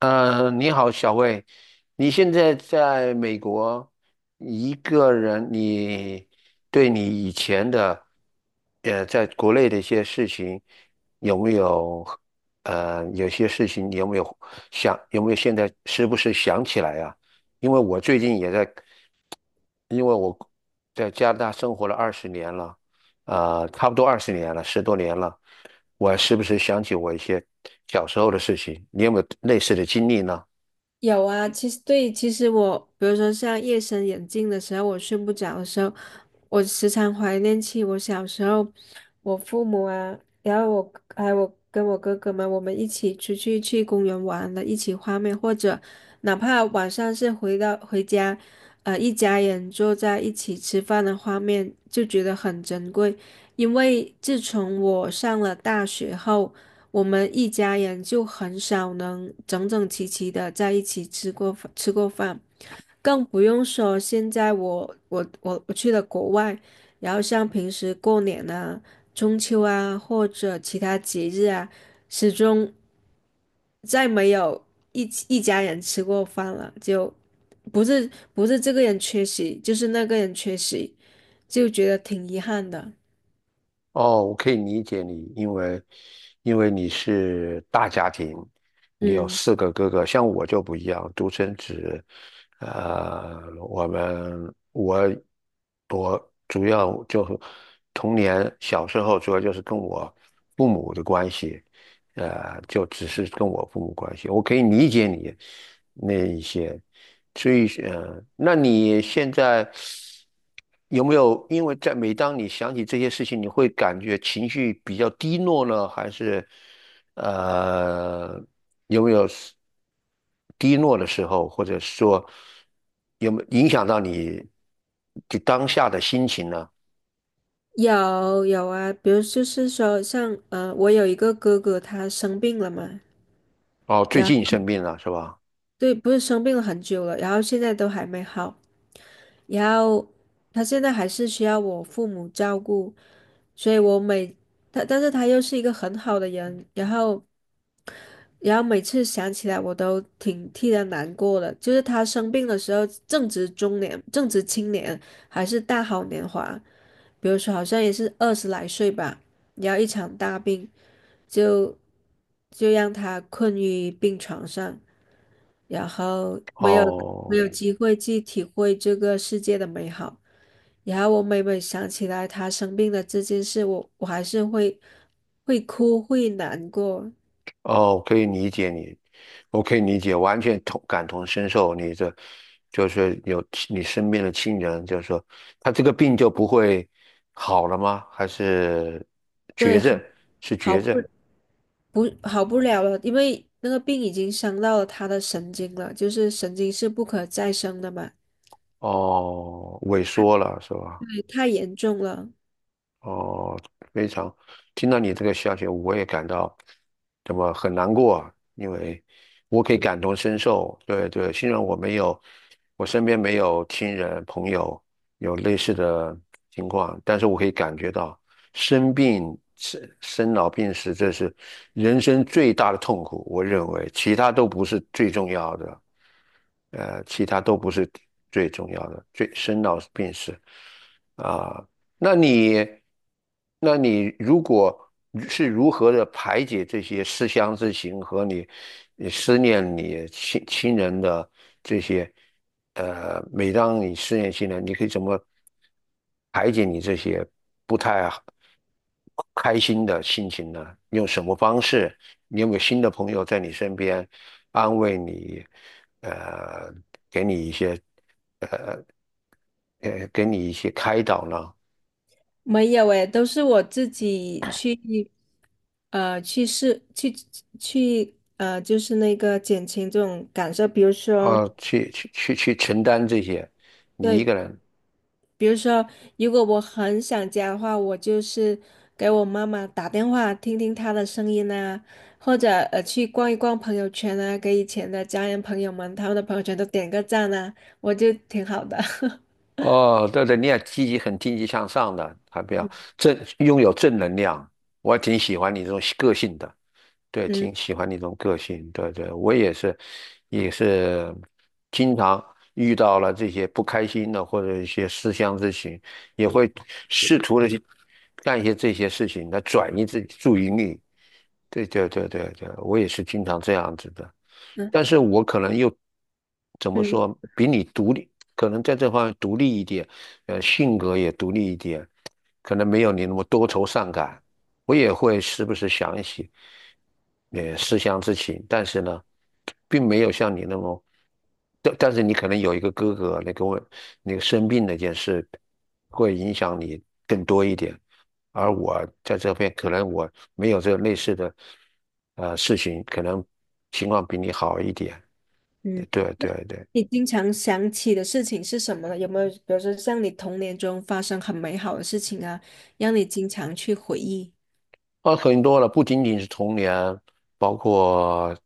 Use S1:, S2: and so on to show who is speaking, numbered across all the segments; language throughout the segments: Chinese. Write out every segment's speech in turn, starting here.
S1: 你好，小魏，你现在在美国一个人，你对你以前的，在国内的一些事情，有没有，有些事情你有没有有没有现在时不时想起来呀？因为我最近也在，因为我在加拿大生活了二十年了，差不多二十年了，10多年了，我时不时想起我一些小时候的事情，你有没有类似的经历呢？
S2: 有啊，其实对，其实我比如说像夜深人静的时候，我睡不着的时候，我时常怀念起我小时候，我父母啊，然后我还有我跟我哥哥们，我们一起去公园玩的一起画面，或者哪怕晚上是回家，一家人坐在一起吃饭的画面，就觉得很珍贵。因为自从我上了大学后，我们一家人就很少能整整齐齐的在一起吃过饭，更不用说现在我去了国外，然后像平时过年啊、中秋啊或者其他节日啊，始终再没有一起一家人吃过饭了，就不是这个人缺席，就是那个人缺席，就觉得挺遗憾的。
S1: 哦，我可以理解你，因为你是大家庭，你有
S2: 嗯。
S1: 4个哥哥，像我就不一样，独生子。呃，我们我我主要就是童年小时候主要就是跟我父母的关系，就只是跟我父母关系，我可以理解你那一些，所以那你现在有没有因为在每当你想起这些事情，你会感觉情绪比较低落呢，还是呃有没有是低落的时候，或者说有没有影响到你就当下的心情呢？
S2: 有啊，比如就是说像，我有一个哥哥，他生病了嘛，
S1: 哦，最
S2: 然后
S1: 近生病了是吧？
S2: 对，不是生病了很久了，然后现在都还没好，然后他现在还是需要我父母照顾，所以我每他，但是他又是一个很好的人，然后每次想起来我都挺替他难过的，就是他生病的时候正值中年，正值青年，还是大好年华，比如说好像也是20来岁吧，然后一场大病。就就让他困于病床上，然后没有没
S1: 哦。
S2: 有机会去体会这个世界的美好。然后我每每想起来他生病的这件事，我还是会哭，会难过。
S1: 哦，可以理解你，我可以理解，完全同感同身受。你这就是有你身边的亲人，就是说他这个病就不会好了吗？还是
S2: 对，
S1: 绝
S2: 好
S1: 症？是
S2: 好
S1: 绝
S2: 不
S1: 症？
S2: 不好不了了，因为那个病已经伤到了他的神经了，就是神经是不可再生的嘛。
S1: 哦，萎缩了是吧？
S2: 对，太严重了。
S1: 哦，非常，听到你这个消息，我也感到怎么很难过，因为我可以感同身受。对对，虽然我没有，我身边没有亲人朋友有类似的情况，但是我可以感觉到生病、生老病死，这是人生最大的痛苦。我认为其他都不是最重要的，呃，其他都不是最重要的，最生老病死啊。那你，那你如果是如何的排解这些思乡之情和你思念你亲人的这些，每当你思念亲人，你可以怎么排解你这些不太好开心的心情呢？你用什么方式？你有没有新的朋友在你身边安慰你，呃，给你一些，开导呢？
S2: 没有诶，都是我自己去，去试，去，就是那个减轻这种感受。比如说，
S1: 啊，去承担这些，你一
S2: 对，
S1: 个人，
S2: 比如说，如果我很想家的话，我就是给我妈妈打电话，听听她的声音啊，或者去逛一逛朋友圈啊，给以前的家人朋友们他们的朋友圈都点个赞啊，我就挺好的。
S1: 哦，对对，你要积极、很积极向上的，还比较正，拥有正能量，我还挺喜欢你这种个性的，对，挺
S2: 嗯
S1: 喜欢你这种个性，对对，我也是，也是经常遇到了这些不开心的或者一些思乡之情，也会试图的去干一些这些事情来转移自己注意力，对对对对对，我也是经常这样子的，
S2: 嗯
S1: 但是我可能又怎么
S2: 嗯
S1: 说，比你独立，可能在这方面独立一点，性格也独立一点，可能没有你那么多愁善感。我也会时不时想一些，思乡之情，但是呢，并没有像你那么，但是你可能有一个哥哥，那个问，那个生病那件事，会影响你更多一点。而我在这边可能我没有这个类似的事情，可能情况比你好一点。
S2: 嗯。
S1: 对对对。
S2: 你经常想起的事情是什么呢？有没有，比如说像你童年中发生很美好的事情啊，让你经常去回忆？
S1: 啊，很多了，不仅仅是童年，包括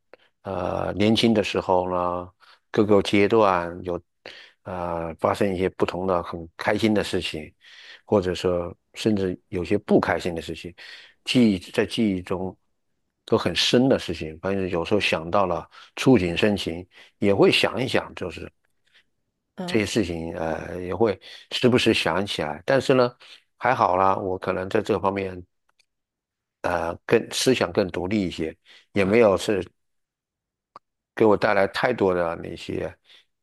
S1: 年轻的时候呢，各个阶段有发生一些不同的很开心的事情，或者说甚至有些不开心的事情，记忆在记忆中都很深的事情。反正有时候想到了，触景生情，也会想一想，就是这
S2: 嗯
S1: 些事情，也会时不时想起来。但是呢，还好啦，我可能在这方面。更思想更独立一些，也没有是给我带来太多的那些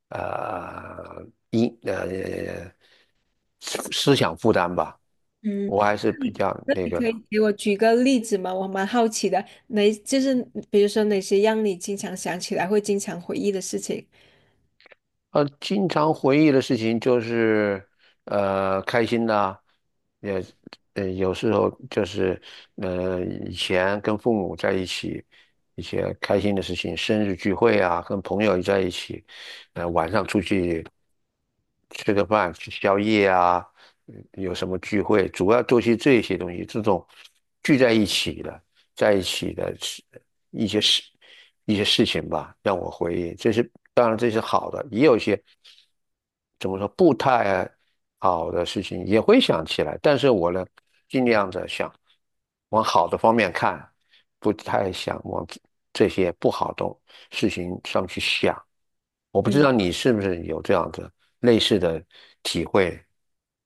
S1: 呃因呃思思想负担吧，
S2: 嗯，
S1: 我还是比较那
S2: 你
S1: 个
S2: 可
S1: 的。
S2: 以给我举个例子吗？我蛮好奇的，哪就是比如说哪些让你经常想起来会经常回忆的事情？
S1: 经常回忆的事情就是开心的，也有时候就是以前跟父母在一起。一些开心的事情，生日聚会啊，跟朋友在一起，晚上出去。吃个饭、吃宵夜啊，有什么聚会，主要都是这些东西，这种聚在一起的，在一起的事一些事一些事情吧，让我回忆。这是当然，这是好的，也有一些怎么说不太好的事情也会想起来，但是我呢，尽量的想往好的方面看，不太想往这些不好的事情上去想。我不知
S2: 嗯。
S1: 道你是不是有这样的类似的体会。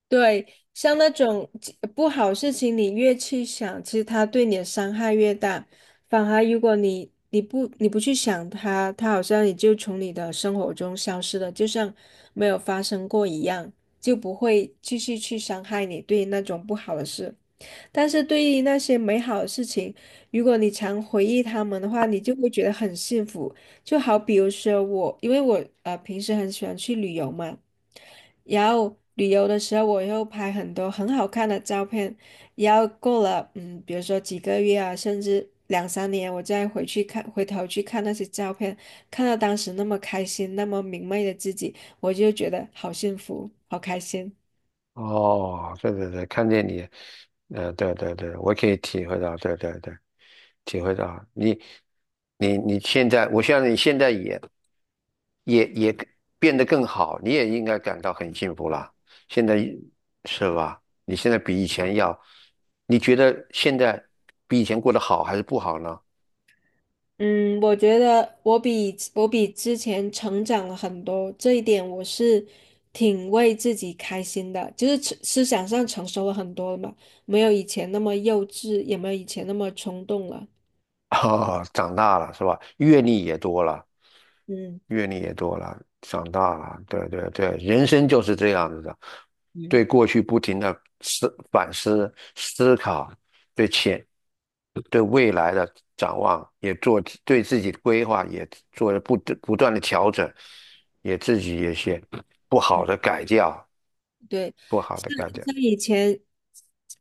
S2: 对，像那种不好事情，你越去想，其实它对你的伤害越大。反而如果你不去想它，它好像也就从你的生活中消失了，就像没有发生过一样，就不会继续去伤害你对那种不好的事。但是对于那些美好的事情，如果你常回忆他们的话，你就会觉得很幸福。就好比如说我，因为我平时很喜欢去旅游嘛，然后旅游的时候我又拍很多很好看的照片，然后过了比如说几个月啊，甚至两三年，我再回去看，回头去看那些照片，看到当时那么开心、那么明媚的自己，我就觉得好幸福，好开心。
S1: 哦，对对对，看见你，对对对，我可以体会到，对对对，体会到你，你现在，我相信你现在也变得更好，你也应该感到很幸福了。现在是吧？你现在比以前要，你觉得现在比以前过得好还是不好呢？
S2: 嗯，我觉得我比之前成长了很多，这一点我是挺为自己开心的，就是思想上成熟了很多了嘛，没有以前那么幼稚，也没有以前那么冲动了。
S1: 啊，长大了是吧？阅历也多了，
S2: 嗯。
S1: 长大了，对对对，人生就是这样子的，
S2: 嗯。
S1: 对过去不停的反思、思考，对前、对未来的展望也做，对自己的规划也做了不断的调整，也自己也些不好的改掉，
S2: 对，
S1: 不好
S2: 像
S1: 的改掉。
S2: 像以前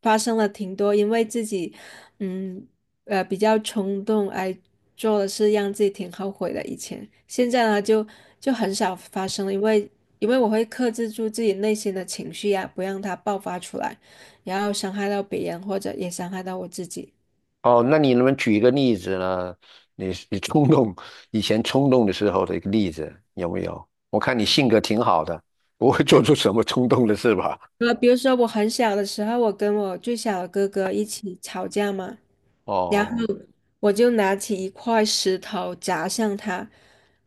S2: 发生了挺多，因为自己嗯比较冲动而做的事，让自己挺后悔的。以前，现在呢就很少发生了，因为我会克制住自己内心的情绪呀、不让它爆发出来，然后伤害到别人或者也伤害到我自己。
S1: 哦，那你能不能举一个例子呢？你以前冲动的时候的一个例子有没有？我看你性格挺好的，不会做出什么冲动的事吧？
S2: 比如说我很小的时候，我跟我最小的哥哥一起吵架嘛。然后。
S1: 哦
S2: 我就拿起一块石头砸向他，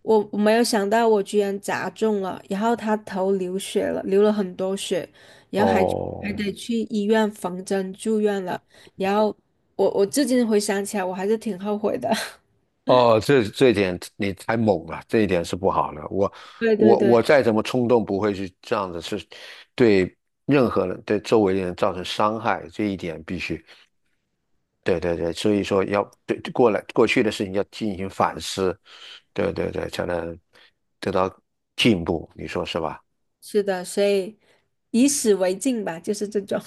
S2: 我没有想到我居然砸中了，然后他头流血了，流了很多血，
S1: 哦
S2: 得去医院缝针住院了。然后我至今回想起来，我还是挺后悔的。
S1: 哦，这一点你太猛了，这一点是不好的。我
S2: 对对
S1: 我
S2: 对，
S1: 我再怎么冲动，不会去这样子，是对任何人对周围的人造成伤害，这一点必须。对对对，所以说要对过去的事情要进行反思，对对对，才能得到进步，你说是吧？
S2: 是的，所以以史为镜吧，就是这种。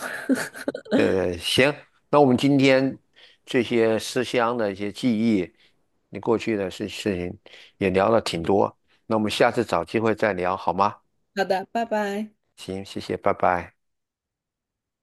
S1: 对对，行，那我们今天这些思乡的一些记忆，你过去的事情也聊了挺多，那我们下次找机会再聊好吗？
S2: 好的，拜拜。
S1: 行，谢谢，拜拜。